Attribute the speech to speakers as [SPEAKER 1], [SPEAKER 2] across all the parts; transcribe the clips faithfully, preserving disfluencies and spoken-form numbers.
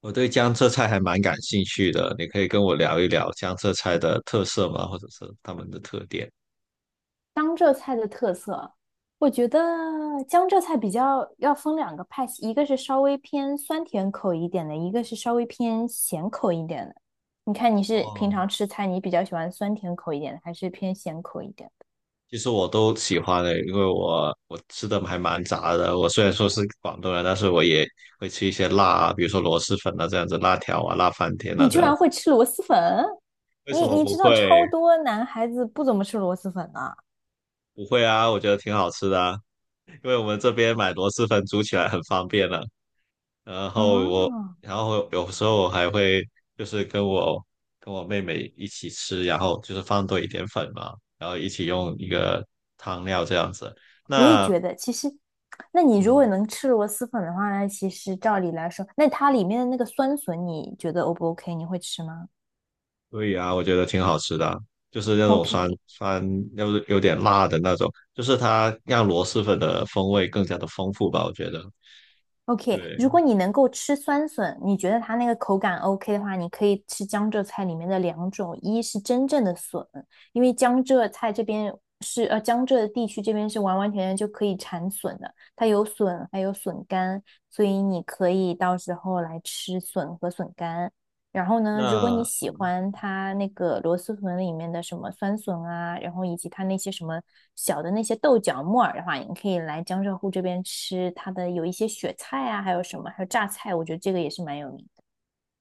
[SPEAKER 1] 我对江浙菜还蛮感兴趣的，你可以跟我聊一聊江浙菜的特色吗？或者是他们的特点？
[SPEAKER 2] 江浙菜的特色，我觉得江浙菜比较要分两个派系，一个是稍微偏酸甜口一点的，一个是稍微偏咸口一点的。你看你是平
[SPEAKER 1] 哦，
[SPEAKER 2] 常吃菜，你比较喜欢酸甜口一点的，还是偏咸口一点的？
[SPEAKER 1] 其实我都喜欢的，因为我我吃的还蛮杂的。我虽然说是广东人，但是我也会吃一些辣啊，比如说螺蛳粉啊这样子，辣条啊，辣翻天啊
[SPEAKER 2] 你
[SPEAKER 1] 这
[SPEAKER 2] 居
[SPEAKER 1] 样
[SPEAKER 2] 然
[SPEAKER 1] 子。
[SPEAKER 2] 会吃螺蛳粉？
[SPEAKER 1] 为
[SPEAKER 2] 你
[SPEAKER 1] 什么
[SPEAKER 2] 你
[SPEAKER 1] 不
[SPEAKER 2] 知
[SPEAKER 1] 会？
[SPEAKER 2] 道超多男孩子不怎么吃螺蛳粉的啊，
[SPEAKER 1] 不会啊，我觉得挺好吃的啊，因为我们这边买螺蛳粉煮起来很方便啊。然后我，
[SPEAKER 2] 哦
[SPEAKER 1] 然后有时候我还会就是跟我跟我妹妹一起吃，然后就是放多一点粉嘛，然后一起用一个汤料这样子。
[SPEAKER 2] 我也
[SPEAKER 1] 那
[SPEAKER 2] 觉得，其实，那你如
[SPEAKER 1] 嗯，
[SPEAKER 2] 果能吃螺蛳粉的话呢，其实照理来说，那它里面的那个酸笋，你觉得 O 不 O K？你会吃吗
[SPEAKER 1] 对呀，我觉得挺好吃的啊，就是那种酸
[SPEAKER 2] ？OK，
[SPEAKER 1] 酸，要是有点辣的那种，就是它让螺蛳粉的风味更加的丰富吧，我觉得。
[SPEAKER 2] OK，
[SPEAKER 1] 对，
[SPEAKER 2] 如果你能够吃酸笋，你觉得它那个口感 OK 的话，你可以吃江浙菜里面的两种，一是真正的笋，因为江浙菜这边是呃江浙地区这边是完完全全就可以产笋的，它有笋还有笋干，所以你可以到时候来吃笋和笋干。然后呢，如果你
[SPEAKER 1] 那
[SPEAKER 2] 喜欢它那个螺蛳粉里面的什么酸笋啊，然后以及它那些什么小的那些豆角木耳的话，你可以来江浙沪这边吃它的有一些雪菜啊，还有什么，还有榨菜，我觉得这个也是蛮有名的。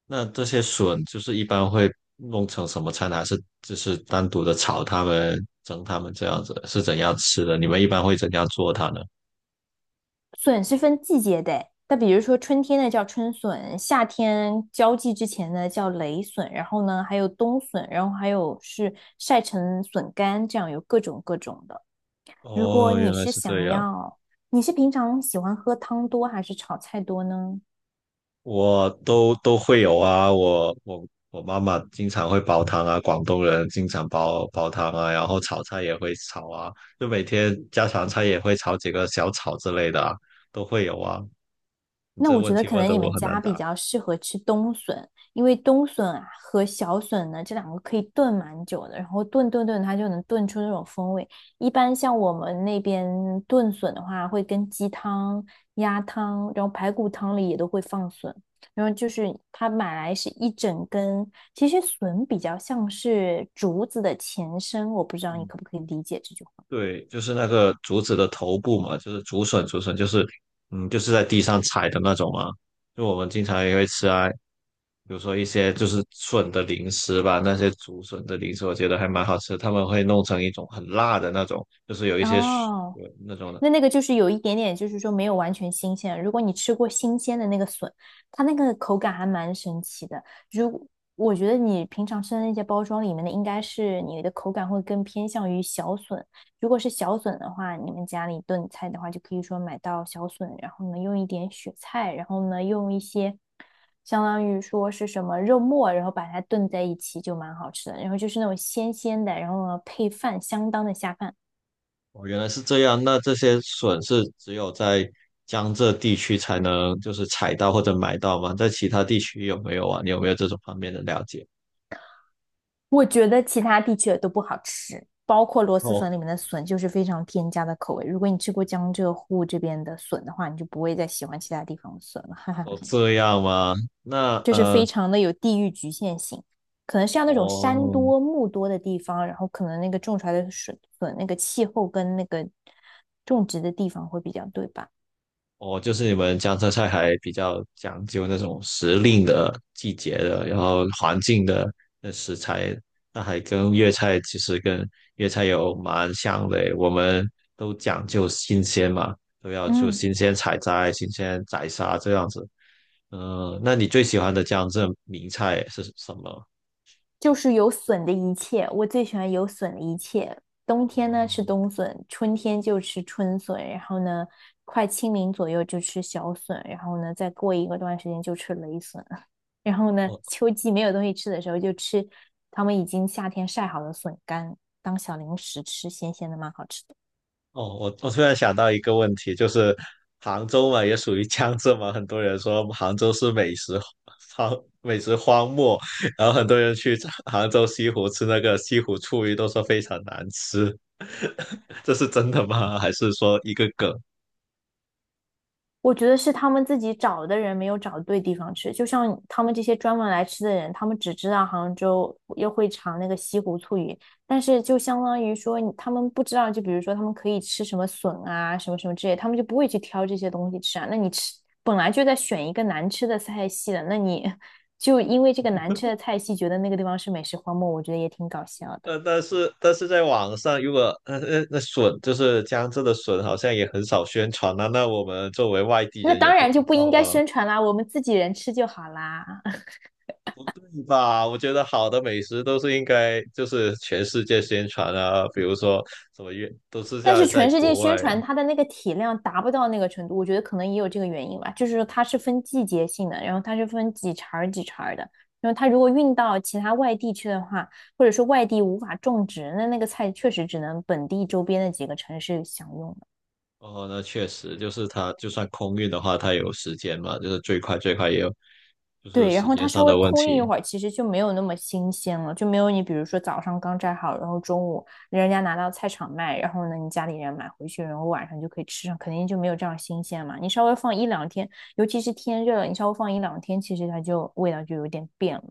[SPEAKER 1] 那这些笋就是一般会弄成什么菜呢？还是就是单独的炒它们、蒸它们这样子？是怎样吃的？你们一般会怎样做它呢？
[SPEAKER 2] 笋是分季节的诶，那比如说春天的叫春笋，夏天交际之前呢叫雷笋，然后呢还有冬笋，然后还有是晒成笋干，这样有各种各种的。如果
[SPEAKER 1] 哦，原
[SPEAKER 2] 你
[SPEAKER 1] 来
[SPEAKER 2] 是
[SPEAKER 1] 是这
[SPEAKER 2] 想
[SPEAKER 1] 样，
[SPEAKER 2] 要，你是平常喜欢喝汤多还是炒菜多呢？
[SPEAKER 1] 我都都会有啊。我我我妈妈经常会煲汤啊，广东人经常煲煲汤啊，然后炒菜也会炒啊，就每天家常菜也会炒几个小炒之类的啊，都会有啊。你
[SPEAKER 2] 那
[SPEAKER 1] 这
[SPEAKER 2] 我觉
[SPEAKER 1] 问
[SPEAKER 2] 得
[SPEAKER 1] 题
[SPEAKER 2] 可
[SPEAKER 1] 问
[SPEAKER 2] 能
[SPEAKER 1] 的
[SPEAKER 2] 你
[SPEAKER 1] 我
[SPEAKER 2] 们
[SPEAKER 1] 很难
[SPEAKER 2] 家比
[SPEAKER 1] 答。
[SPEAKER 2] 较适合吃冬笋，因为冬笋啊和小笋呢这两个可以炖蛮久的，然后炖炖炖它就能炖出那种风味。一般像我们那边炖笋的话，会跟鸡汤、鸭汤，然后排骨汤里也都会放笋。然后就是它买来是一整根，其实笋比较像是竹子的前身，我不知道你可不可以理解这句话。
[SPEAKER 1] 对，就是那个竹子的头部嘛，就是竹笋，竹笋就是，嗯，就是在地上采的那种嘛。就我们经常也会吃啊，比如说一些就是笋的零食吧，那些竹笋的零食，我觉得还蛮好吃。他们会弄成一种很辣的那种，就是有一些笋
[SPEAKER 2] 哦，
[SPEAKER 1] 那种的。
[SPEAKER 2] 那那个就是有一点点，就是说没有完全新鲜。如果你吃过新鲜的那个笋，它那个口感还蛮神奇的。如我觉得你平常吃的那些包装里面的，应该是你的口感会更偏向于小笋。如果是小笋的话，你们家里炖菜的话，就可以说买到小笋，然后呢用一点雪菜，然后呢用一些相当于说是什么肉末，然后把它炖在一起就蛮好吃的。然后就是那种鲜鲜的，然后呢配饭相当的下饭。
[SPEAKER 1] 哦，原来是这样。那这些笋是只有在江浙地区才能就是采到或者买到吗？在其他地区有没有啊？你有没有这种方面的了解？
[SPEAKER 2] 我觉得其他地区的都不好吃，包括螺蛳
[SPEAKER 1] 哦
[SPEAKER 2] 粉里面的笋就是非常添加的口味。如果你吃过江浙沪这边的笋的话，你就不会再喜欢其他地方的笋了，哈哈，
[SPEAKER 1] 哦，这样吗？那
[SPEAKER 2] 就是非
[SPEAKER 1] 呃。
[SPEAKER 2] 常的有地域局限性。可能像那种山
[SPEAKER 1] 哦
[SPEAKER 2] 多木多的地方，然后可能那个种出来的笋笋那个气候跟那个种植的地方会比较对吧？
[SPEAKER 1] 哦，就是你们江浙菜还比较讲究那种时令的、季节的，然后环境的那食材，那还跟粤菜其实跟粤菜有蛮像的诶，我们都讲究新鲜嘛，都要就
[SPEAKER 2] 嗯，
[SPEAKER 1] 新鲜采摘、新鲜宰杀这样子。嗯、那你最喜欢的江浙名菜是什么？
[SPEAKER 2] 就是有笋的一切，我最喜欢有笋的一切。冬天呢吃冬笋，春天就吃春笋，然后呢，快清明左右就吃小笋，然后呢，再过一个段时间就吃雷笋，然后呢，
[SPEAKER 1] 哦
[SPEAKER 2] 秋季没有东西吃的时候就吃他们已经夏天晒好的笋干当小零食吃，咸咸的蛮好吃的。
[SPEAKER 1] 哦，我我突然想到一个问题，就是杭州嘛，也属于江浙嘛，很多人说杭州是美食荒 美食荒漠，然后很多人去杭州西湖吃那个西湖醋鱼，都说非常难吃，这是真的吗？还是说一个梗？
[SPEAKER 2] 我觉得是他们自己找的人没有找对地方吃，就像他们这些专门来吃的人，他们只知道杭州又会尝那个西湖醋鱼，但是就相当于说你他们不知道，就比如说他们可以吃什么笋啊，什么什么之类，他们就不会去挑这些东西吃啊。那你吃本来就在选一个难吃的菜系的，那你 就因为这个难吃的菜系，觉得那个地方是美食荒漠，我觉得也挺搞笑的。
[SPEAKER 1] 呃，但是但是在网上，如果呃呃那笋就是江浙的笋，好像也很少宣传啊，那我们作为外地
[SPEAKER 2] 那
[SPEAKER 1] 人也
[SPEAKER 2] 当
[SPEAKER 1] 不知
[SPEAKER 2] 然就不
[SPEAKER 1] 道
[SPEAKER 2] 应该
[SPEAKER 1] 啊。
[SPEAKER 2] 宣传啦，我们自己人吃就好啦。
[SPEAKER 1] 是吧？我觉得好的美食都是应该就是全世界宣传啊，比如说什么运都是
[SPEAKER 2] 但
[SPEAKER 1] 在
[SPEAKER 2] 是
[SPEAKER 1] 在
[SPEAKER 2] 全世界
[SPEAKER 1] 国
[SPEAKER 2] 宣
[SPEAKER 1] 外
[SPEAKER 2] 传
[SPEAKER 1] 啊。
[SPEAKER 2] 它的那个体量达不到那个程度，我觉得可能也有这个原因吧。就是说它是分季节性的，然后它是分几茬儿几茬儿的，然后它如果运到其他外地去的话，或者说外地无法种植，那那个菜确实只能本地周边的几个城市享用。
[SPEAKER 1] 哦，那确实就是它，就算空运的话，它有时间嘛，就是最快最快也有，就是
[SPEAKER 2] 对，然
[SPEAKER 1] 时
[SPEAKER 2] 后它
[SPEAKER 1] 间上
[SPEAKER 2] 稍微
[SPEAKER 1] 的问
[SPEAKER 2] 空运一
[SPEAKER 1] 题。
[SPEAKER 2] 会儿，其实就没有那么新鲜了，就没有你比如说早上刚摘好，然后中午人家拿到菜场卖，然后呢你家里人买回去，然后晚上就可以吃上，肯定就没有这样新鲜嘛。你稍微放一两天，尤其是天热了，你稍微放一两天，其实它就味道就有点变了。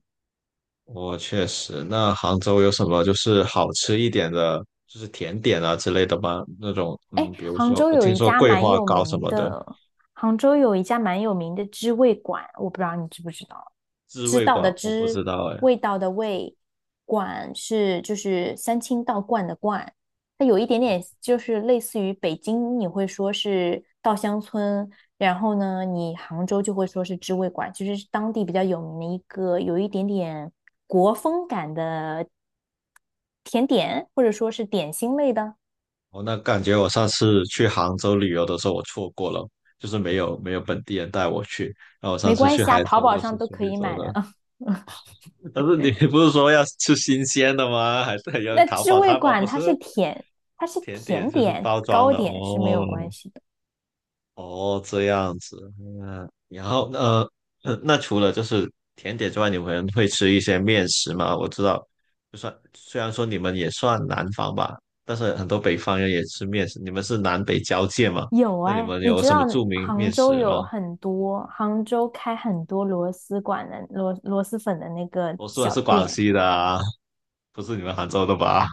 [SPEAKER 1] 我确实，那杭州有什么就是好吃一点的，就是甜点啊之类的吗？那种
[SPEAKER 2] 哎，
[SPEAKER 1] 嗯，比如
[SPEAKER 2] 杭
[SPEAKER 1] 说
[SPEAKER 2] 州
[SPEAKER 1] 我
[SPEAKER 2] 有
[SPEAKER 1] 听
[SPEAKER 2] 一
[SPEAKER 1] 说
[SPEAKER 2] 家
[SPEAKER 1] 桂
[SPEAKER 2] 蛮
[SPEAKER 1] 花
[SPEAKER 2] 有
[SPEAKER 1] 糕什
[SPEAKER 2] 名
[SPEAKER 1] 么的，
[SPEAKER 2] 的，杭州有一家蛮有名的知味馆，我不知道你知不知道？
[SPEAKER 1] 滋
[SPEAKER 2] 知
[SPEAKER 1] 味
[SPEAKER 2] 道
[SPEAKER 1] 馆
[SPEAKER 2] 的
[SPEAKER 1] 我不知
[SPEAKER 2] 知，
[SPEAKER 1] 道哎。
[SPEAKER 2] 味道的味，馆是就是三清道观的观，它有一点点就是类似于北京你会说是稻香村，然后呢，你杭州就会说是知味馆，就是当地比较有名的一个有一点点国风感的甜点，或者说是点心类的。
[SPEAKER 1] 哦，那感觉我上次去杭州旅游的时候，我错过了，就是没有没有本地人带我去。然后我上
[SPEAKER 2] 没
[SPEAKER 1] 次
[SPEAKER 2] 关
[SPEAKER 1] 去
[SPEAKER 2] 系啊，
[SPEAKER 1] 杭
[SPEAKER 2] 淘
[SPEAKER 1] 州
[SPEAKER 2] 宝
[SPEAKER 1] 都是
[SPEAKER 2] 上都
[SPEAKER 1] 顺
[SPEAKER 2] 可
[SPEAKER 1] 便
[SPEAKER 2] 以
[SPEAKER 1] 走
[SPEAKER 2] 买的。
[SPEAKER 1] 的，但是你不是说要吃新鲜的吗？还是要
[SPEAKER 2] 那
[SPEAKER 1] 淘
[SPEAKER 2] 知
[SPEAKER 1] 宝？
[SPEAKER 2] 味
[SPEAKER 1] 淘宝不
[SPEAKER 2] 馆它
[SPEAKER 1] 是
[SPEAKER 2] 是甜，它是
[SPEAKER 1] 甜点
[SPEAKER 2] 甜
[SPEAKER 1] 就是
[SPEAKER 2] 点、
[SPEAKER 1] 包装
[SPEAKER 2] 糕
[SPEAKER 1] 的
[SPEAKER 2] 点是没有关
[SPEAKER 1] 哦。
[SPEAKER 2] 系的。
[SPEAKER 1] 哦，这样子，嗯，然后呃，呃那除了就是甜点之外，你们会吃一些面食吗？我知道，就算虽然说你们也算南方吧，但是很多北方人也吃面食。你们是南北交界嘛？
[SPEAKER 2] 有
[SPEAKER 1] 那你
[SPEAKER 2] 哎，
[SPEAKER 1] 们
[SPEAKER 2] 你
[SPEAKER 1] 有
[SPEAKER 2] 知
[SPEAKER 1] 什么
[SPEAKER 2] 道
[SPEAKER 1] 著名
[SPEAKER 2] 杭
[SPEAKER 1] 面
[SPEAKER 2] 州
[SPEAKER 1] 食吗？
[SPEAKER 2] 有很多，杭州开很多螺蛳馆的螺螺蛳粉的那个
[SPEAKER 1] 我说的
[SPEAKER 2] 小
[SPEAKER 1] 是广
[SPEAKER 2] 店，
[SPEAKER 1] 西的啊，不是你们杭州的吧？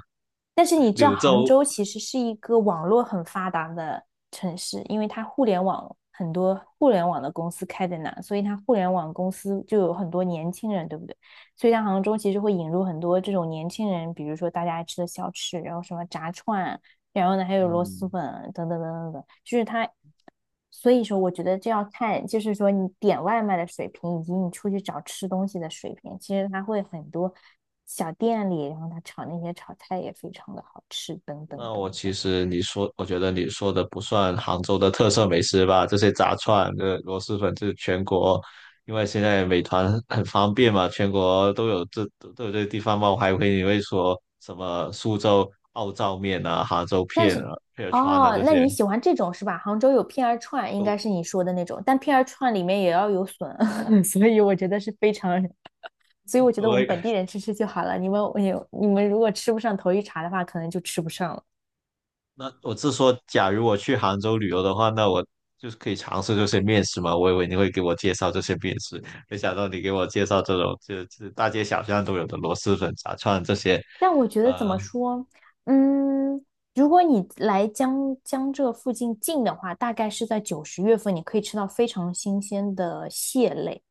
[SPEAKER 2] 但是你 知道，
[SPEAKER 1] 柳
[SPEAKER 2] 杭
[SPEAKER 1] 州，
[SPEAKER 2] 州其实是一个网络很发达的城市，因为它互联网很多互联网的公司开在那，所以它互联网公司就有很多年轻人，对不对？所以它杭州其实会引入很多这种年轻人，比如说大家爱吃的小吃，然后什么炸串啊，然后呢还有螺蛳
[SPEAKER 1] 嗯，
[SPEAKER 2] 粉啊等等等等等，就是它所以说，我觉得这要看，就是说你点外卖的水平，以及你出去找吃东西的水平。其实它会很多小店里，然后它炒那些炒菜也非常的好吃，等等
[SPEAKER 1] 那我
[SPEAKER 2] 等等。
[SPEAKER 1] 其实你说，我觉得你说的不算杭州的特色美食吧，这些炸串、这螺蛳粉，这全国，因为现在美团很方便嘛，全国都有这都有这些地方嘛，我还以为你会说什么苏州奥灶面啊、杭州
[SPEAKER 2] 但
[SPEAKER 1] 片
[SPEAKER 2] 是，
[SPEAKER 1] 啊、片川啊
[SPEAKER 2] 哦，
[SPEAKER 1] 这
[SPEAKER 2] 那
[SPEAKER 1] 些，
[SPEAKER 2] 你喜欢这种是吧？杭州有片儿串，应
[SPEAKER 1] 我
[SPEAKER 2] 该是你说的那种，但片儿串里面也要有笋，所以我觉得是非常，所以我觉得我们本
[SPEAKER 1] 我
[SPEAKER 2] 地人吃吃就好了。你们，你你们如果吃不上头一茬的话，可能就吃不上了。
[SPEAKER 1] 那我是说，假如我去杭州旅游的话，那我就是可以尝试这些面食嘛。我以为你会给我介绍这些面食，没想到你给我介绍这种就是就是大街小巷都有的螺蛳粉、炸串这些，
[SPEAKER 2] 但我觉得怎么
[SPEAKER 1] 呃，
[SPEAKER 2] 说，嗯，如果你来江江浙附近近的话，大概是在九十月份，你可以吃到非常新鲜的蟹类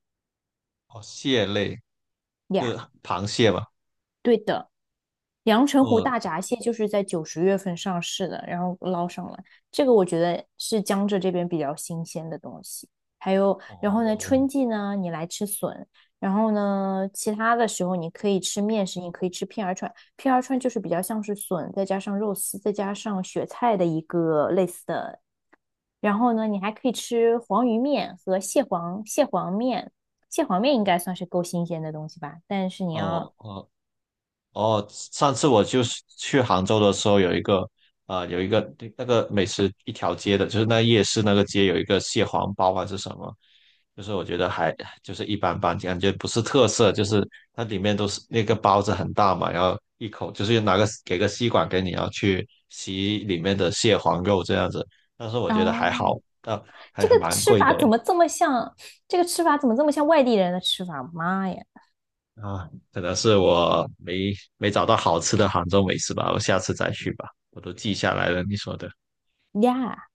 [SPEAKER 1] 哦，蟹类，就
[SPEAKER 2] 呀。
[SPEAKER 1] 是螃蟹嘛。
[SPEAKER 2] 对的，阳澄湖大
[SPEAKER 1] 哦
[SPEAKER 2] 闸蟹就是在九十月份上市的，然后捞上来，这个我觉得是江浙这边比较新鲜的东西。还有，然后呢，春
[SPEAKER 1] 哦
[SPEAKER 2] 季呢，你来吃笋，然后呢，其他的时候你可以吃面食，你可以吃片儿串，片儿串就是比较像是笋，再加上肉丝，再加上雪菜的一个类似的。然后呢，你还可以吃黄鱼面和蟹黄蟹黄面，蟹黄面应该算是够新鲜的东西吧，但是你要。
[SPEAKER 1] 哦哦，哦，上次我就是去杭州的时候，有一个啊、呃有一个那个美食一条街的，就是那夜市那个街有一个蟹黄包还是什么，就是我觉得还就是一般般，感觉不是特色，就是它里面都是那个包子很大嘛，然后一口就是拿个给个吸管给你，然后去吸里面的蟹黄肉这样子，但是我觉得还
[SPEAKER 2] 哦，
[SPEAKER 1] 好，但还
[SPEAKER 2] 这个
[SPEAKER 1] 蛮
[SPEAKER 2] 吃
[SPEAKER 1] 贵
[SPEAKER 2] 法
[SPEAKER 1] 的
[SPEAKER 2] 怎么这么像？这个吃法怎么这么像外地人的吃法？妈呀
[SPEAKER 1] 啊，可能是我没没找到好吃的杭州美食吧，我下次再去吧，我都记下来了你说的。
[SPEAKER 2] 呀！